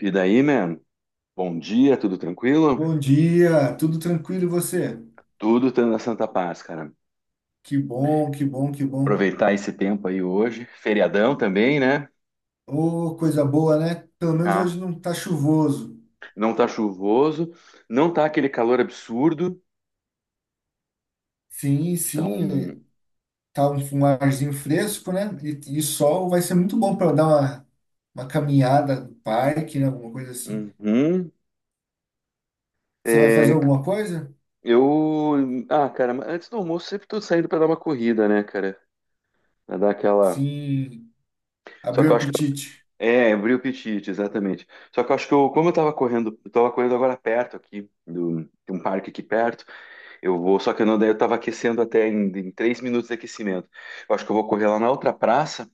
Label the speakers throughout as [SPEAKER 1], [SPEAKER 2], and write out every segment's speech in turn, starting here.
[SPEAKER 1] E daí, man? Bom dia, tudo tranquilo?
[SPEAKER 2] Bom dia, tudo tranquilo e você?
[SPEAKER 1] Tudo tendo a Santa Paz, cara.
[SPEAKER 2] Que bom, que bom, que bom.
[SPEAKER 1] Aproveitar esse tempo aí hoje. Feriadão também, né?
[SPEAKER 2] Ô, coisa boa, né? Pelo menos
[SPEAKER 1] Tá.
[SPEAKER 2] hoje não tá chuvoso.
[SPEAKER 1] Não tá chuvoso, não tá aquele calor absurdo.
[SPEAKER 2] Sim,
[SPEAKER 1] Então,
[SPEAKER 2] sim, é, tá um arzinho fresco, né? E sol vai ser muito bom para dar uma caminhada no parque, né? Alguma coisa assim.
[SPEAKER 1] uhum.
[SPEAKER 2] Você vai fazer
[SPEAKER 1] É,
[SPEAKER 2] alguma coisa?
[SPEAKER 1] eu. Ah, cara, mas antes do almoço sempre tô saindo pra dar uma corrida, né, cara? Pra dar aquela.
[SPEAKER 2] Sim,
[SPEAKER 1] Só
[SPEAKER 2] abriu
[SPEAKER 1] que
[SPEAKER 2] o
[SPEAKER 1] eu acho que.
[SPEAKER 2] apetite.
[SPEAKER 1] É, abri o apetite, exatamente. Só que eu acho que eu, como eu tava correndo, agora perto aqui, de um parque aqui perto. Eu vou, só que eu não, daí eu tava aquecendo até em 3 minutos de aquecimento. Eu acho que eu vou correr lá na outra praça,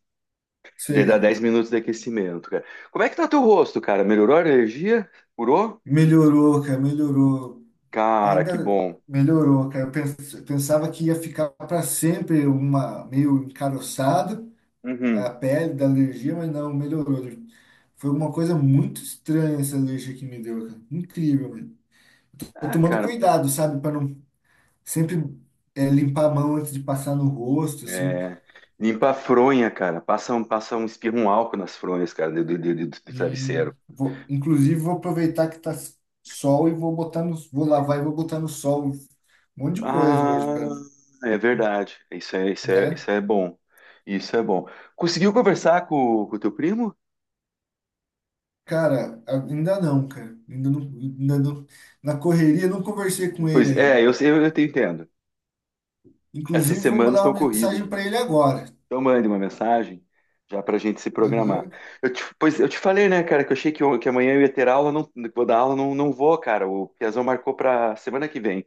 [SPEAKER 1] e daí dá
[SPEAKER 2] Sei.
[SPEAKER 1] 10 minutos de aquecimento, cara. Como é que tá teu rosto, cara? Melhorou a alergia? Curou?
[SPEAKER 2] Melhorou, cara, melhorou.
[SPEAKER 1] Cara, que
[SPEAKER 2] Ainda
[SPEAKER 1] bom.
[SPEAKER 2] melhorou, cara. Eu pensava que ia ficar para sempre uma meio encaroçado,
[SPEAKER 1] Uhum.
[SPEAKER 2] a pele da alergia, mas não, melhorou. Foi uma coisa muito estranha essa alergia que me deu, cara. Incrível, mano. Tô
[SPEAKER 1] Ah,
[SPEAKER 2] tomando
[SPEAKER 1] cara,
[SPEAKER 2] cuidado, sabe, para não sempre limpar a mão antes de passar no rosto, assim.
[SPEAKER 1] é... limpa a fronha, cara. Espirra um álcool nas fronhas, cara, do
[SPEAKER 2] E
[SPEAKER 1] travesseiro.
[SPEAKER 2] vou, inclusive vou aproveitar que tá sol e vou lavar e vou botar no sol um monte de coisa hoje,
[SPEAKER 1] Ah,
[SPEAKER 2] cara,
[SPEAKER 1] é verdade.
[SPEAKER 2] né?
[SPEAKER 1] Isso é bom. Isso é bom. Conseguiu conversar com o teu primo?
[SPEAKER 2] Cara. Ainda não, na correria não conversei com ele
[SPEAKER 1] Pois é,
[SPEAKER 2] ainda.
[SPEAKER 1] eu te entendo. Essas
[SPEAKER 2] Inclusive vou
[SPEAKER 1] semanas
[SPEAKER 2] mandar
[SPEAKER 1] estão
[SPEAKER 2] uma
[SPEAKER 1] corridas,
[SPEAKER 2] mensagem
[SPEAKER 1] né?
[SPEAKER 2] para ele agora.
[SPEAKER 1] Então mande uma mensagem já para a gente se programar.
[SPEAKER 2] Aham.
[SPEAKER 1] Eu te, pois eu te falei, né, cara, que eu achei que, que amanhã eu ia ter aula, não que vou dar aula, não, não vou, cara. O Piazão marcou para semana que vem.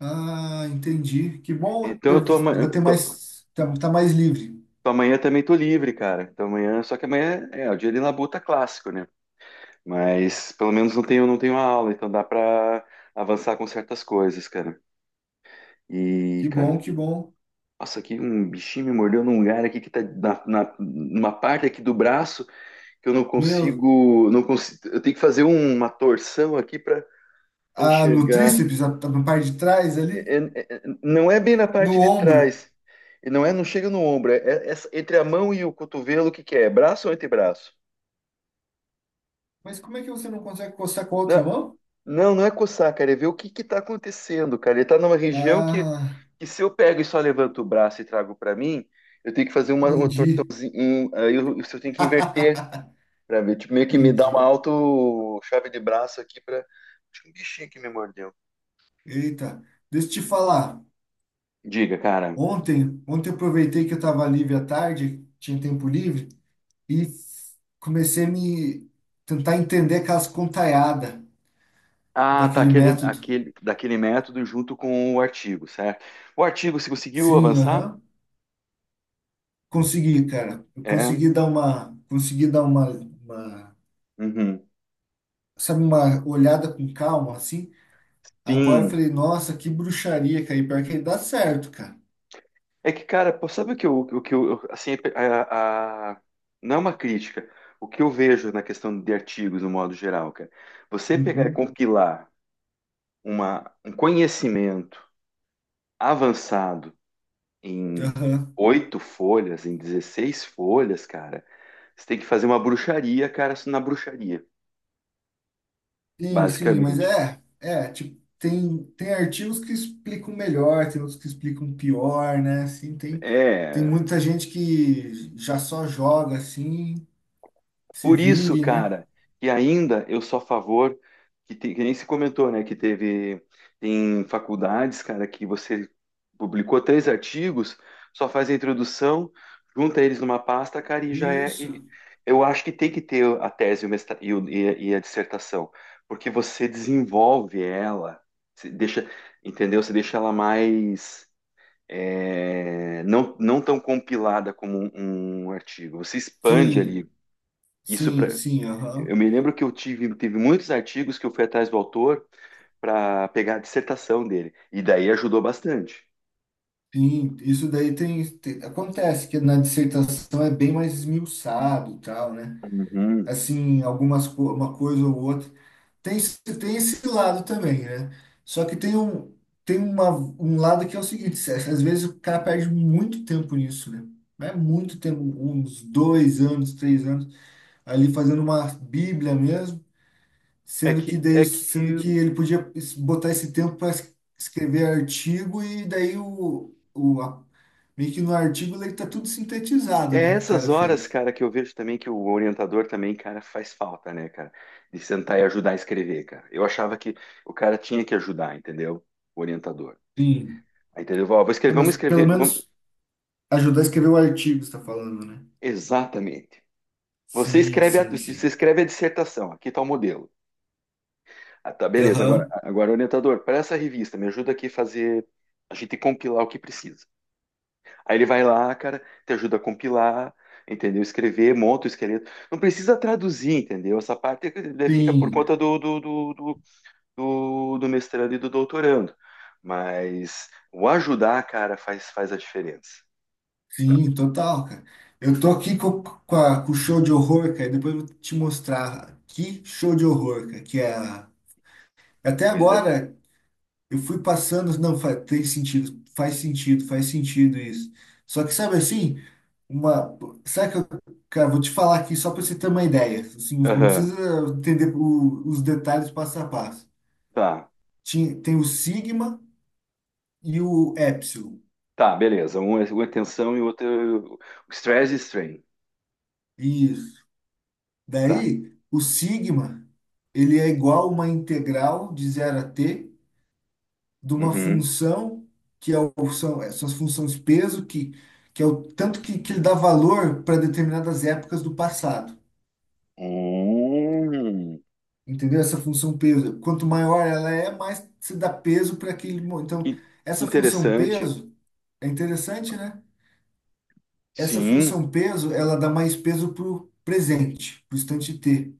[SPEAKER 2] Ah, entendi. Que bom,
[SPEAKER 1] Então eu
[SPEAKER 2] eu
[SPEAKER 1] tô,
[SPEAKER 2] vou ter mais, tá, tá mais livre.
[SPEAKER 1] tô amanhã também tô livre, cara. Então amanhã, só que amanhã o dia de labuta tá clássico, né? Mas pelo menos não tenho aula, então dá para avançar com certas coisas, cara. E
[SPEAKER 2] Que
[SPEAKER 1] cara,
[SPEAKER 2] bom, que bom.
[SPEAKER 1] nossa, aqui um bichinho me mordeu num lugar aqui que tá numa parte aqui do braço. Que eu
[SPEAKER 2] Meu,
[SPEAKER 1] não consigo, eu tenho que fazer uma torção aqui para
[SPEAKER 2] ah, no
[SPEAKER 1] enxergar.
[SPEAKER 2] tríceps, na parte de trás ali,
[SPEAKER 1] Não é bem na
[SPEAKER 2] no
[SPEAKER 1] parte de
[SPEAKER 2] ombro.
[SPEAKER 1] trás, e não é, não chega no ombro, é entre a mão e o cotovelo, o que que é? É braço ou antebraço?
[SPEAKER 2] Mas como é que você não consegue coçar com a outra
[SPEAKER 1] Na-
[SPEAKER 2] mão?
[SPEAKER 1] Não, não é coçar, cara, é ver o que que tá acontecendo, cara. Ele tá numa região
[SPEAKER 2] Ah,
[SPEAKER 1] que se eu pego e só levanto o braço e trago para mim, eu tenho que fazer uma
[SPEAKER 2] entendi.
[SPEAKER 1] torçãozinha, aí eu tenho que inverter para ver, tipo, meio que me dá uma
[SPEAKER 2] Entendi.
[SPEAKER 1] auto chave de braço aqui para. Tinha um bichinho que me mordeu.
[SPEAKER 2] Eita, deixa eu te falar.
[SPEAKER 1] Diga, cara.
[SPEAKER 2] Ontem, ontem eu aproveitei que eu estava livre à tarde, tinha tempo livre, e comecei a me tentar entender aquelas contaiadas
[SPEAKER 1] Ah, tá,
[SPEAKER 2] daquele método.
[SPEAKER 1] daquele método junto com o artigo, certo? O artigo, você conseguiu
[SPEAKER 2] Sim,
[SPEAKER 1] avançar?
[SPEAKER 2] aham. Consegui, cara. Eu
[SPEAKER 1] É.
[SPEAKER 2] consegui dar uma,
[SPEAKER 1] Uhum.
[SPEAKER 2] sabe, uma olhada com calma, assim. Agora eu
[SPEAKER 1] Sim.
[SPEAKER 2] falei, nossa, que bruxaria, cara. E pior que aí dá certo, cara.
[SPEAKER 1] É que, cara, pô, sabe o que eu assim, não é uma crítica. O que eu vejo na questão de artigos, no modo geral, cara, você pegar e
[SPEAKER 2] Uhum,
[SPEAKER 1] compilar um conhecimento avançado em
[SPEAKER 2] aham.
[SPEAKER 1] oito folhas, em 16 folhas, cara, você tem que fazer uma bruxaria, cara, na bruxaria.
[SPEAKER 2] Sim, sim, mas
[SPEAKER 1] Basicamente.
[SPEAKER 2] é, tipo, tem artigos que explicam melhor, tem outros que explicam pior, né? Assim, tem
[SPEAKER 1] É,
[SPEAKER 2] muita gente que já só joga, assim, se
[SPEAKER 1] por isso,
[SPEAKER 2] vire, né?
[SPEAKER 1] cara, que ainda eu sou a favor, que, tem, que nem se comentou, né, que teve, tem faculdades, cara, que você publicou três artigos, só faz a introdução, junta eles numa pasta, cara, e já é,
[SPEAKER 2] Isso.
[SPEAKER 1] e eu acho que tem que ter a tese e, e a dissertação, porque você desenvolve ela, você deixa, entendeu? Você deixa ela mais é, não tão compilada como um artigo. Você expande ali.
[SPEAKER 2] Sim,
[SPEAKER 1] Isso
[SPEAKER 2] sim,
[SPEAKER 1] para.
[SPEAKER 2] sim,
[SPEAKER 1] Eu
[SPEAKER 2] aham.
[SPEAKER 1] me lembro que eu tive, teve muitos artigos que eu fui atrás do autor para pegar a dissertação dele, e daí ajudou bastante.
[SPEAKER 2] Sim, isso daí acontece que na dissertação é bem mais esmiuçado, e tal, né?
[SPEAKER 1] Uhum.
[SPEAKER 2] Assim, uma coisa ou outra. Tem esse lado também, né? Só que tem um lado que é o seguinte, às vezes o cara perde muito tempo nisso, né? Mas é muito tempo, uns 2 anos, 3 anos, ali fazendo uma bíblia mesmo.
[SPEAKER 1] É
[SPEAKER 2] Sendo
[SPEAKER 1] que,
[SPEAKER 2] que daí,
[SPEAKER 1] é que
[SPEAKER 2] sendo que ele podia botar esse tempo para escrever artigo e daí meio que no artigo ele tá tudo sintetizado,
[SPEAKER 1] é
[SPEAKER 2] né, que o
[SPEAKER 1] essas
[SPEAKER 2] cara
[SPEAKER 1] horas,
[SPEAKER 2] fez.
[SPEAKER 1] cara, que eu vejo também que o orientador também, cara, faz falta, né, cara? De sentar e ajudar a escrever, cara. Eu achava que o cara tinha que ajudar, entendeu? O orientador.
[SPEAKER 2] Sim.
[SPEAKER 1] Aí, entendeu? Ó, vou
[SPEAKER 2] É,
[SPEAKER 1] escrever, vamos
[SPEAKER 2] mas pelo
[SPEAKER 1] escrever. Vamos…
[SPEAKER 2] menos ajudar a escrever o artigo, você tá falando, né?
[SPEAKER 1] Exatamente.
[SPEAKER 2] Sim, sim,
[SPEAKER 1] Você
[SPEAKER 2] sim.
[SPEAKER 1] escreve a dissertação, aqui está o modelo. Ah, tá, beleza.
[SPEAKER 2] Aham.
[SPEAKER 1] Agora orientador, para essa revista, me ajuda aqui a fazer, a gente compilar o que precisa. Aí ele vai lá, cara, te ajuda a compilar, entendeu? Escrever, monta o esqueleto. Não precisa traduzir, entendeu? Essa parte né, fica por
[SPEAKER 2] Sim,
[SPEAKER 1] conta do mestrando e do doutorando. Mas o ajudar, cara, faz, faz a diferença.
[SPEAKER 2] sim, total, cara. Eu tô aqui com o show de horror, cara, e depois eu vou te mostrar que show de horror, cara, que é até
[SPEAKER 1] Pois é.
[SPEAKER 2] agora eu fui passando, não, faz, tem sentido, faz sentido, faz sentido isso. Só que sabe assim, uma, sabe que eu, cara, vou te falar aqui só para você ter uma ideia. Assim, não
[SPEAKER 1] Aham.
[SPEAKER 2] precisa entender os detalhes passo a passo.
[SPEAKER 1] Tá,
[SPEAKER 2] Tem o sigma e o epsilon.
[SPEAKER 1] tá, beleza. Um é uma tensão e outro é o stress e strain.
[SPEAKER 2] Isso.
[SPEAKER 1] Tá.
[SPEAKER 2] Daí, o sigma, ele é igual a uma integral de zero a t de uma
[SPEAKER 1] Uhum.
[SPEAKER 2] função que é o, são essas funções peso que, é o tanto que ele dá valor para determinadas épocas do passado.
[SPEAKER 1] Hum,
[SPEAKER 2] Entendeu? Essa função peso, quanto maior ela é, mais se dá peso para aquele. Então,
[SPEAKER 1] que, que
[SPEAKER 2] essa função
[SPEAKER 1] interessante.
[SPEAKER 2] peso é interessante, né? Essa
[SPEAKER 1] Sim,
[SPEAKER 2] função peso, ela dá mais peso para o presente, para o instante T.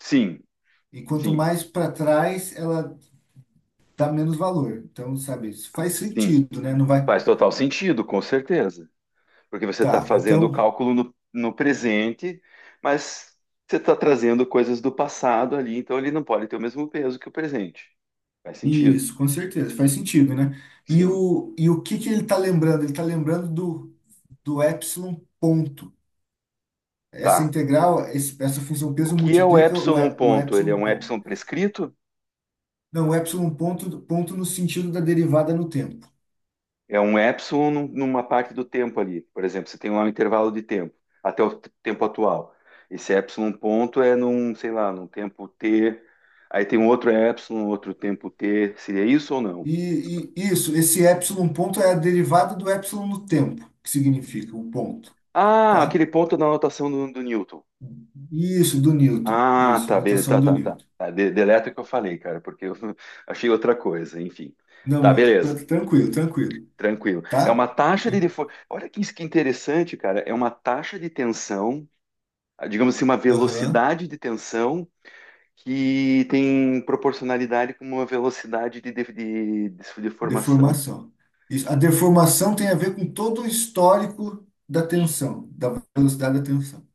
[SPEAKER 1] sim,
[SPEAKER 2] E quanto
[SPEAKER 1] sim,
[SPEAKER 2] mais para trás, ela dá menos valor. Então, sabe, isso faz
[SPEAKER 1] sim.
[SPEAKER 2] sentido, né? Não vai.
[SPEAKER 1] Faz total sentido, com certeza. Porque você está
[SPEAKER 2] Tá,
[SPEAKER 1] fazendo o
[SPEAKER 2] então
[SPEAKER 1] cálculo no presente, mas você está trazendo coisas do passado ali, então ele não pode ter o mesmo peso que o presente. Faz sentido,
[SPEAKER 2] isso, com certeza, faz sentido, né? E
[SPEAKER 1] sim.
[SPEAKER 2] o, e o que que ele está lembrando? Ele está lembrando do epsilon ponto. Essa
[SPEAKER 1] Tá.
[SPEAKER 2] integral, essa função
[SPEAKER 1] O
[SPEAKER 2] peso
[SPEAKER 1] que é o
[SPEAKER 2] multiplica
[SPEAKER 1] epsilon
[SPEAKER 2] o
[SPEAKER 1] ponto? Ele é
[SPEAKER 2] epsilon
[SPEAKER 1] um
[SPEAKER 2] ponto.
[SPEAKER 1] epsilon prescrito?
[SPEAKER 2] Não, o epsilon ponto, ponto no sentido da derivada no tempo.
[SPEAKER 1] É um epsilon numa parte do tempo ali. Por exemplo, você tem lá um intervalo de tempo, até tempo atual. Esse epsilon ponto é num, sei lá, num tempo t. Aí tem um outro epsilon, outro tempo t. Seria isso ou não?
[SPEAKER 2] E isso, esse epsilon ponto é a derivada do epsilon no tempo, que significa o ponto,
[SPEAKER 1] Ah,
[SPEAKER 2] tá?
[SPEAKER 1] aquele ponto da notação do Newton.
[SPEAKER 2] Isso, do Newton.
[SPEAKER 1] Ah,
[SPEAKER 2] Isso,
[SPEAKER 1] tá, beleza,
[SPEAKER 2] notação
[SPEAKER 1] tá,
[SPEAKER 2] do
[SPEAKER 1] tá, tá.
[SPEAKER 2] Newton.
[SPEAKER 1] Tá de, deleta o que eu falei, cara, porque eu achei outra coisa, enfim.
[SPEAKER 2] Não,
[SPEAKER 1] Tá,
[SPEAKER 2] mas tá
[SPEAKER 1] beleza,
[SPEAKER 2] tranquilo, tranquilo,
[SPEAKER 1] tranquilo. É
[SPEAKER 2] tá?
[SPEAKER 1] uma taxa de…
[SPEAKER 2] E-
[SPEAKER 1] defo- olha que, isso que é interessante, cara. É uma taxa de tensão, digamos assim, uma
[SPEAKER 2] Aham.
[SPEAKER 1] velocidade de tensão que tem proporcionalidade com uma velocidade de formação.
[SPEAKER 2] Deformação. Isso. A deformação tem a ver com todo o histórico da tensão, da velocidade da tensão.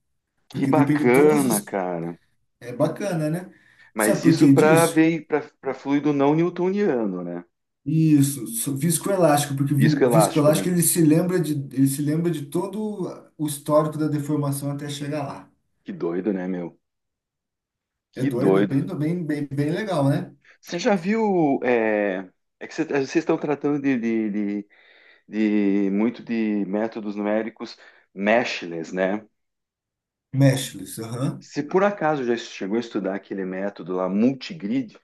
[SPEAKER 1] Que
[SPEAKER 2] Porque depende de todos
[SPEAKER 1] bacana,
[SPEAKER 2] os.
[SPEAKER 1] cara.
[SPEAKER 2] É bacana, né? Sabe
[SPEAKER 1] Mas
[SPEAKER 2] por
[SPEAKER 1] isso
[SPEAKER 2] que
[SPEAKER 1] para
[SPEAKER 2] disso?
[SPEAKER 1] ver para fluido não newtoniano, né?
[SPEAKER 2] Isso, viscoelástico, porque
[SPEAKER 1] Viscoelástico, né?
[SPEAKER 2] viscoelástico ele se lembra ele se lembra de todo o histórico da deformação até chegar lá.
[SPEAKER 1] Que doido, né, meu?
[SPEAKER 2] É
[SPEAKER 1] Que
[SPEAKER 2] doido, é
[SPEAKER 1] doido.
[SPEAKER 2] bem, bem, bem, bem legal, né?
[SPEAKER 1] Você já viu? É, é que é, vocês estão tratando de- de muito de métodos numéricos meshless, né?
[SPEAKER 2] Meshless, aham.
[SPEAKER 1] Se por acaso já chegou a estudar aquele método lá, multigrid,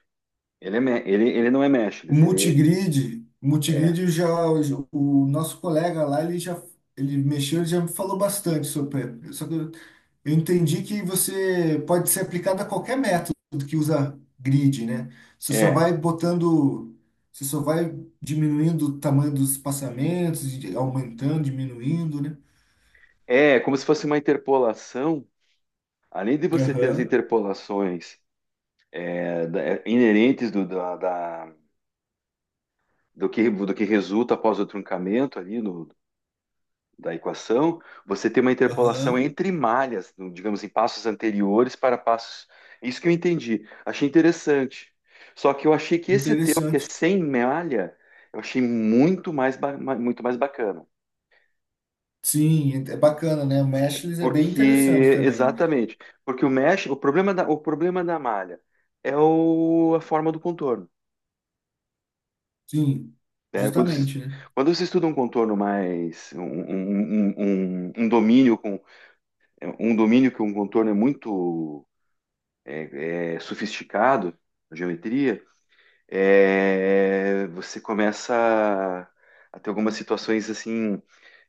[SPEAKER 1] ele, é, ele não é
[SPEAKER 2] O
[SPEAKER 1] meshless, ele
[SPEAKER 2] Multigrid, o
[SPEAKER 1] é,
[SPEAKER 2] Multigrid já, o nosso colega lá, ele mexeu, ele já me falou bastante sobre, só que eu entendi que você pode ser aplicado a qualquer método que usa grid, né? Você só
[SPEAKER 1] é.
[SPEAKER 2] vai botando, você só vai diminuindo o tamanho dos espaçamentos, e aumentando, diminuindo, né?
[SPEAKER 1] É, como se fosse uma interpolação. Além de você ter as
[SPEAKER 2] Aham,
[SPEAKER 1] interpolações é, é, inerentes do que resulta após o truncamento ali no- da equação, você tem uma interpolação
[SPEAKER 2] aham,
[SPEAKER 1] entre malhas, no- digamos, em passos anteriores para passos. Isso que eu entendi. Achei interessante. Só que eu achei que esse teu, que é
[SPEAKER 2] interessante.
[SPEAKER 1] sem malha, eu achei muito mais, muito mais bacana.
[SPEAKER 2] Sim, é bacana, né? O Meshless é bem
[SPEAKER 1] Porque,
[SPEAKER 2] interessante também, né?
[SPEAKER 1] exatamente, porque o mesh, o problema da malha é o, a forma do contorno,
[SPEAKER 2] Sim,
[SPEAKER 1] né?
[SPEAKER 2] justamente, né?
[SPEAKER 1] Quando se estuda um contorno mais, um domínio com, um domínio que um contorno é muito é, é, sofisticado, a geometria, é, você começa a ter algumas situações assim,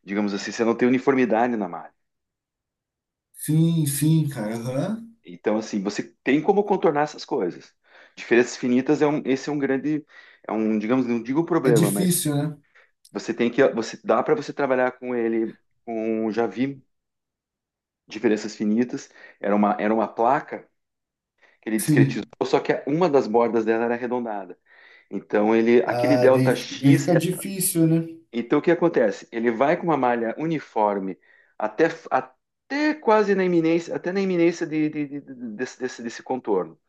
[SPEAKER 1] digamos assim, você não tem uniformidade na malha.
[SPEAKER 2] Sim, sim, cara, aham.
[SPEAKER 1] Então, assim, você tem como contornar essas coisas. Diferenças finitas é um, esse é um grande, é um, digamos, não digo
[SPEAKER 2] É
[SPEAKER 1] problema, mas
[SPEAKER 2] difícil, né?
[SPEAKER 1] você tem que, você dá para você trabalhar com ele. Com, já vi diferenças finitas. Era uma placa que ele discretizou,
[SPEAKER 2] Sim.
[SPEAKER 1] só que uma das bordas dela era arredondada. Então ele, aquele
[SPEAKER 2] Ah,
[SPEAKER 1] delta
[SPEAKER 2] daí
[SPEAKER 1] X.
[SPEAKER 2] fica difícil, né?
[SPEAKER 1] Então o que acontece? Ele vai com uma malha uniforme até, até na iminência desse, desse contorno.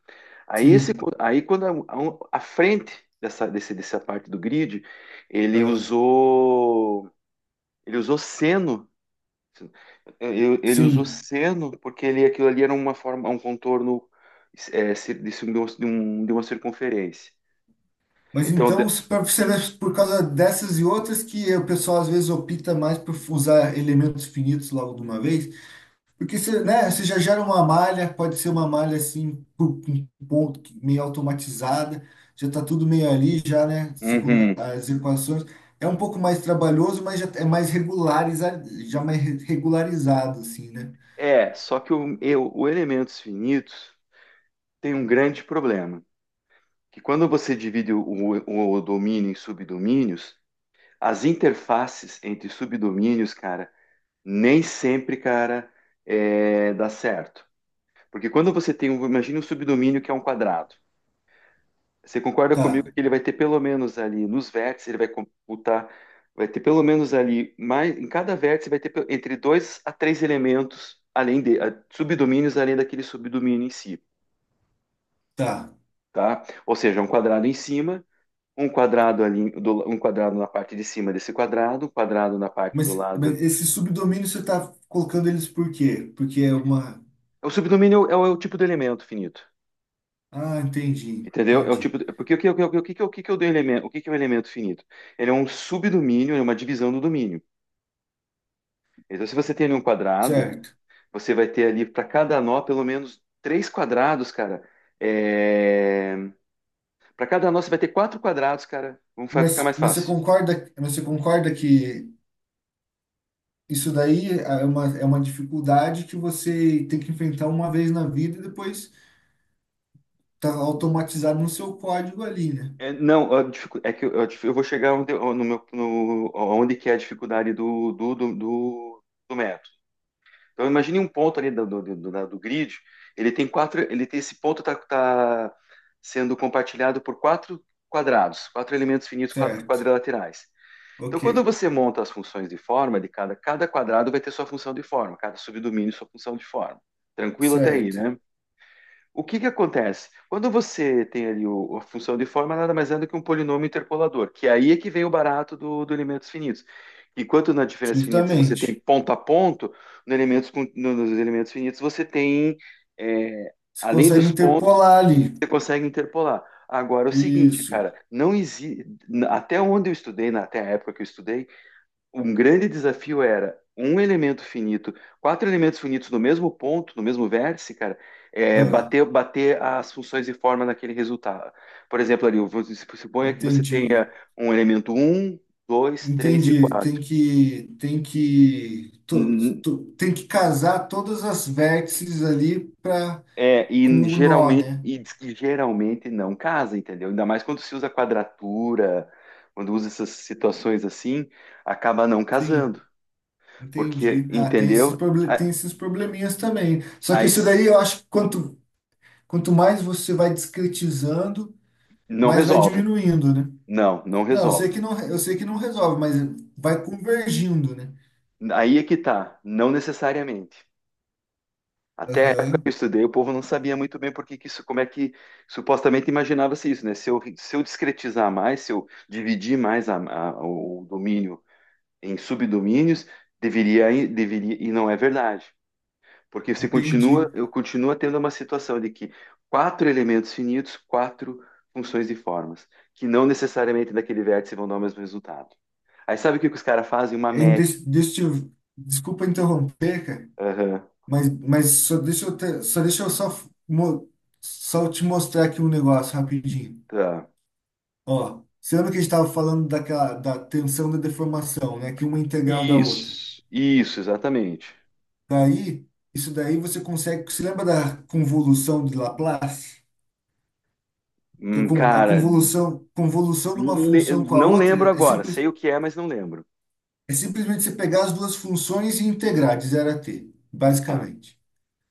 [SPEAKER 1] Aí, esse,
[SPEAKER 2] Sim.
[SPEAKER 1] aí quando a, a frente dessa, dessa parte do grid, ele
[SPEAKER 2] Ah,
[SPEAKER 1] usou ele usou seno. Ele usou
[SPEAKER 2] sim.
[SPEAKER 1] seno porque ele, aquilo ali era uma forma, um contorno é, de um- de uma circunferência.
[SPEAKER 2] Mas
[SPEAKER 1] Então, de-
[SPEAKER 2] então, pra você ver, por causa dessas e outras que o pessoal às vezes opta mais por usar elementos finitos logo de uma vez? Porque você, né, você já gera uma malha, pode ser uma malha assim, um ponto meio automatizada, já está tudo meio ali, já, né? se com-
[SPEAKER 1] uhum.
[SPEAKER 2] As equações. É um pouco mais trabalhoso, mas já é mais regularizado, já mais regularizado, assim, né?
[SPEAKER 1] É, só que o, o elementos finitos tem um grande problema, que quando você divide o, o domínio em subdomínios, as interfaces entre subdomínios, cara, nem sempre, cara, é, dá certo. Porque quando você tem um, imagina um subdomínio que é um quadrado. Você concorda
[SPEAKER 2] Tá,
[SPEAKER 1] comigo que ele vai ter pelo menos ali nos vértices, ele vai computar, vai ter pelo menos ali, mais, em cada vértice vai ter entre dois a três elementos além subdomínios além daquele subdomínio em si,
[SPEAKER 2] tá.
[SPEAKER 1] tá? Ou seja, um quadrado em cima, um quadrado ali, um quadrado na parte de cima desse quadrado, um quadrado na parte do lado.
[SPEAKER 2] Mas esse subdomínio você está colocando eles por quê? Porque é uma.
[SPEAKER 1] O subdomínio é o, é o tipo de elemento finito.
[SPEAKER 2] Ah, entendi,
[SPEAKER 1] Entendeu? É o tipo,
[SPEAKER 2] entendi.
[SPEAKER 1] de- porque que é o do elemento, o que que é o elemento finito? Ele é um subdomínio, é uma divisão do domínio. Então, se você tem ali um quadrado,
[SPEAKER 2] Certo.
[SPEAKER 1] você vai ter ali para cada nó pelo menos três quadrados, cara. Para cada nó você vai ter quatro quadrados, cara. Vamos ficar mais
[SPEAKER 2] Mas você
[SPEAKER 1] fácil.
[SPEAKER 2] concorda, mas você concorda que isso daí é uma dificuldade que você tem que enfrentar uma vez na vida e depois tá automatizado no seu código ali, né?
[SPEAKER 1] É, não, é que eu, eu vou chegar onde, no meu, no, onde que é a dificuldade do método. Então imagine um ponto ali do grid, ele tem quatro, ele tem esse ponto está tá tá sendo compartilhado por quatro quadrados, quatro elementos finitos
[SPEAKER 2] Certo.
[SPEAKER 1] quadrilaterais. Então quando
[SPEAKER 2] Ok.
[SPEAKER 1] você monta as funções de forma de cada, cada quadrado vai ter sua função de forma, cada subdomínio sua função de forma. Tranquilo até aí,
[SPEAKER 2] Certo.
[SPEAKER 1] né? O que que acontece? Quando você tem ali a função de forma, nada mais é do que um polinômio interpolador, que aí é que vem o barato do elementos finitos. Enquanto na diferença finita você tem
[SPEAKER 2] Justamente.
[SPEAKER 1] ponto a ponto, no elementos nos elementos finitos você tem, é,
[SPEAKER 2] Você
[SPEAKER 1] além
[SPEAKER 2] consegue
[SPEAKER 1] dos pontos,
[SPEAKER 2] interpolar ali.
[SPEAKER 1] você consegue interpolar. Agora é o seguinte,
[SPEAKER 2] Isso.
[SPEAKER 1] cara, não existe, até onde eu estudei, até a época que eu estudei, um grande desafio era um elemento finito, quatro elementos finitos no mesmo ponto, no mesmo vértice, cara, é,
[SPEAKER 2] Ah,
[SPEAKER 1] bater as funções e forma naquele resultado. Por exemplo, ali, você se suponha que você tenha
[SPEAKER 2] entendi.
[SPEAKER 1] um elemento um 2 3 e
[SPEAKER 2] Entendi. Tem
[SPEAKER 1] quatro.
[SPEAKER 2] que, tem que,
[SPEAKER 1] Hum,
[SPEAKER 2] tem que casar todas as vértices ali para
[SPEAKER 1] É,
[SPEAKER 2] com
[SPEAKER 1] e
[SPEAKER 2] o nó,
[SPEAKER 1] geralmente,
[SPEAKER 2] né?
[SPEAKER 1] e diz que geralmente não casa, entendeu? Ainda mais quando se usa quadratura, quando usa essas situações assim, acaba não
[SPEAKER 2] Sim.
[SPEAKER 1] casando, porque,
[SPEAKER 2] Entendi. Ah,
[SPEAKER 1] entendeu?
[SPEAKER 2] tem esses probleminhas também. Só que
[SPEAKER 1] Aí
[SPEAKER 2] isso
[SPEAKER 1] s-
[SPEAKER 2] daí eu acho que quanto mais você vai discretizando,
[SPEAKER 1] não
[SPEAKER 2] mais vai
[SPEAKER 1] resolve.
[SPEAKER 2] diminuindo, né?
[SPEAKER 1] Não, não
[SPEAKER 2] Não, eu sei
[SPEAKER 1] resolve.
[SPEAKER 2] que não, eu sei que não resolve, mas vai convergindo, né?
[SPEAKER 1] Aí é que tá, não necessariamente. Até a época
[SPEAKER 2] Aham,
[SPEAKER 1] que eu estudei, o povo não sabia muito bem por que que isso, como é que supostamente imaginava-se isso, né? Se eu, se eu discretizar mais, se eu dividir mais o domínio em subdomínios, deveria, e não é verdade. Porque você continua,
[SPEAKER 2] entendi.
[SPEAKER 1] eu continuo tendo uma situação de que quatro elementos finitos, quatro funções e formas, que não necessariamente daquele vértice vão dar o mesmo resultado. Aí sabe o que que os caras fazem? Uma
[SPEAKER 2] Ainda,
[SPEAKER 1] média.
[SPEAKER 2] deixa eu, desculpa interromper, cara,
[SPEAKER 1] Aham.
[SPEAKER 2] mas só só deixa eu só, mo- só te mostrar aqui um negócio rapidinho.
[SPEAKER 1] Tá.
[SPEAKER 2] Ó, você lembra que a gente estava falando daquela, da tensão da deformação, né? Que uma é integral da outra.
[SPEAKER 1] Isso, exatamente.
[SPEAKER 2] Daí, isso daí você consegue. Você lembra da convolução de Laplace? Que a a
[SPEAKER 1] Cara,
[SPEAKER 2] convolução, de uma função com a
[SPEAKER 1] não
[SPEAKER 2] outra
[SPEAKER 1] lembro
[SPEAKER 2] é,
[SPEAKER 1] agora.
[SPEAKER 2] simples,
[SPEAKER 1] Sei o que é, mas não lembro.
[SPEAKER 2] é simplesmente você pegar as duas funções e integrar de zero a t,
[SPEAKER 1] Tá,
[SPEAKER 2] basicamente.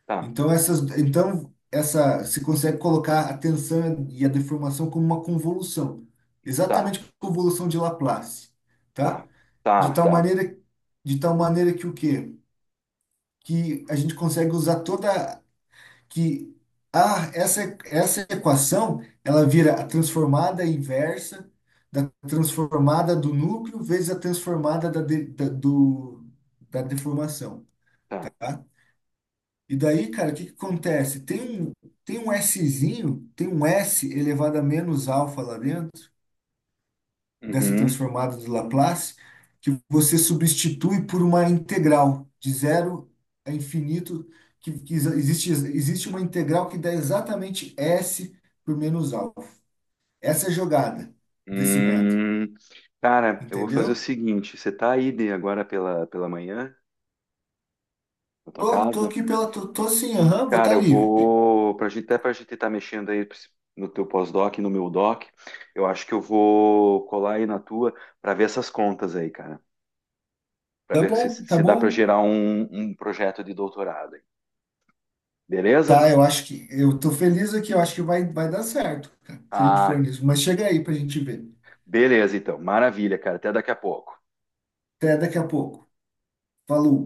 [SPEAKER 1] tá,
[SPEAKER 2] Então, essas, então essa, se consegue colocar a tensão e a deformação como uma convolução,
[SPEAKER 1] tá,
[SPEAKER 2] exatamente a convolução de Laplace,
[SPEAKER 1] tá,
[SPEAKER 2] tá?
[SPEAKER 1] tá,
[SPEAKER 2] De tal
[SPEAKER 1] tá,
[SPEAKER 2] maneira, de tal maneira que o quê? Que a gente consegue usar toda que essa equação ela vira a transformada inversa da transformada do núcleo vezes a transformada do, da deformação,
[SPEAKER 1] tá.
[SPEAKER 2] tá? E daí, cara, o que que acontece? Tem um Szinho, tem um S elevado a menos alfa lá dentro, dessa
[SPEAKER 1] Uhum.
[SPEAKER 2] transformada de Laplace, que você substitui por uma integral de zero a infinito, existe, uma integral que dá exatamente S por menos alfa. Essa é a jogada desse método,
[SPEAKER 1] Hum. Cara, eu vou fazer o
[SPEAKER 2] entendeu?
[SPEAKER 1] seguinte: você tá aí de agora pela manhã, na tua
[SPEAKER 2] Tô
[SPEAKER 1] casa?
[SPEAKER 2] aqui pela. Tô sim, aham, vou
[SPEAKER 1] Cara,
[SPEAKER 2] estar
[SPEAKER 1] eu
[SPEAKER 2] livre.
[SPEAKER 1] vou. Pra gente, até pra gente estar mexendo aí no teu pós-doc, e no meu doc, eu acho que eu vou colar aí na tua pra ver essas contas aí, cara. Para
[SPEAKER 2] Tá
[SPEAKER 1] ver se,
[SPEAKER 2] bom, tá
[SPEAKER 1] se dá para
[SPEAKER 2] bom.
[SPEAKER 1] gerar um projeto de doutorado.
[SPEAKER 2] Tá,
[SPEAKER 1] Beleza?
[SPEAKER 2] eu acho que. Eu tô feliz aqui, eu acho que vai dar certo, cara, se a gente for
[SPEAKER 1] Ah,
[SPEAKER 2] nisso. Mas chega aí pra gente ver.
[SPEAKER 1] beleza, então. Maravilha, cara. Até daqui a pouco.
[SPEAKER 2] Até daqui a pouco. Falou.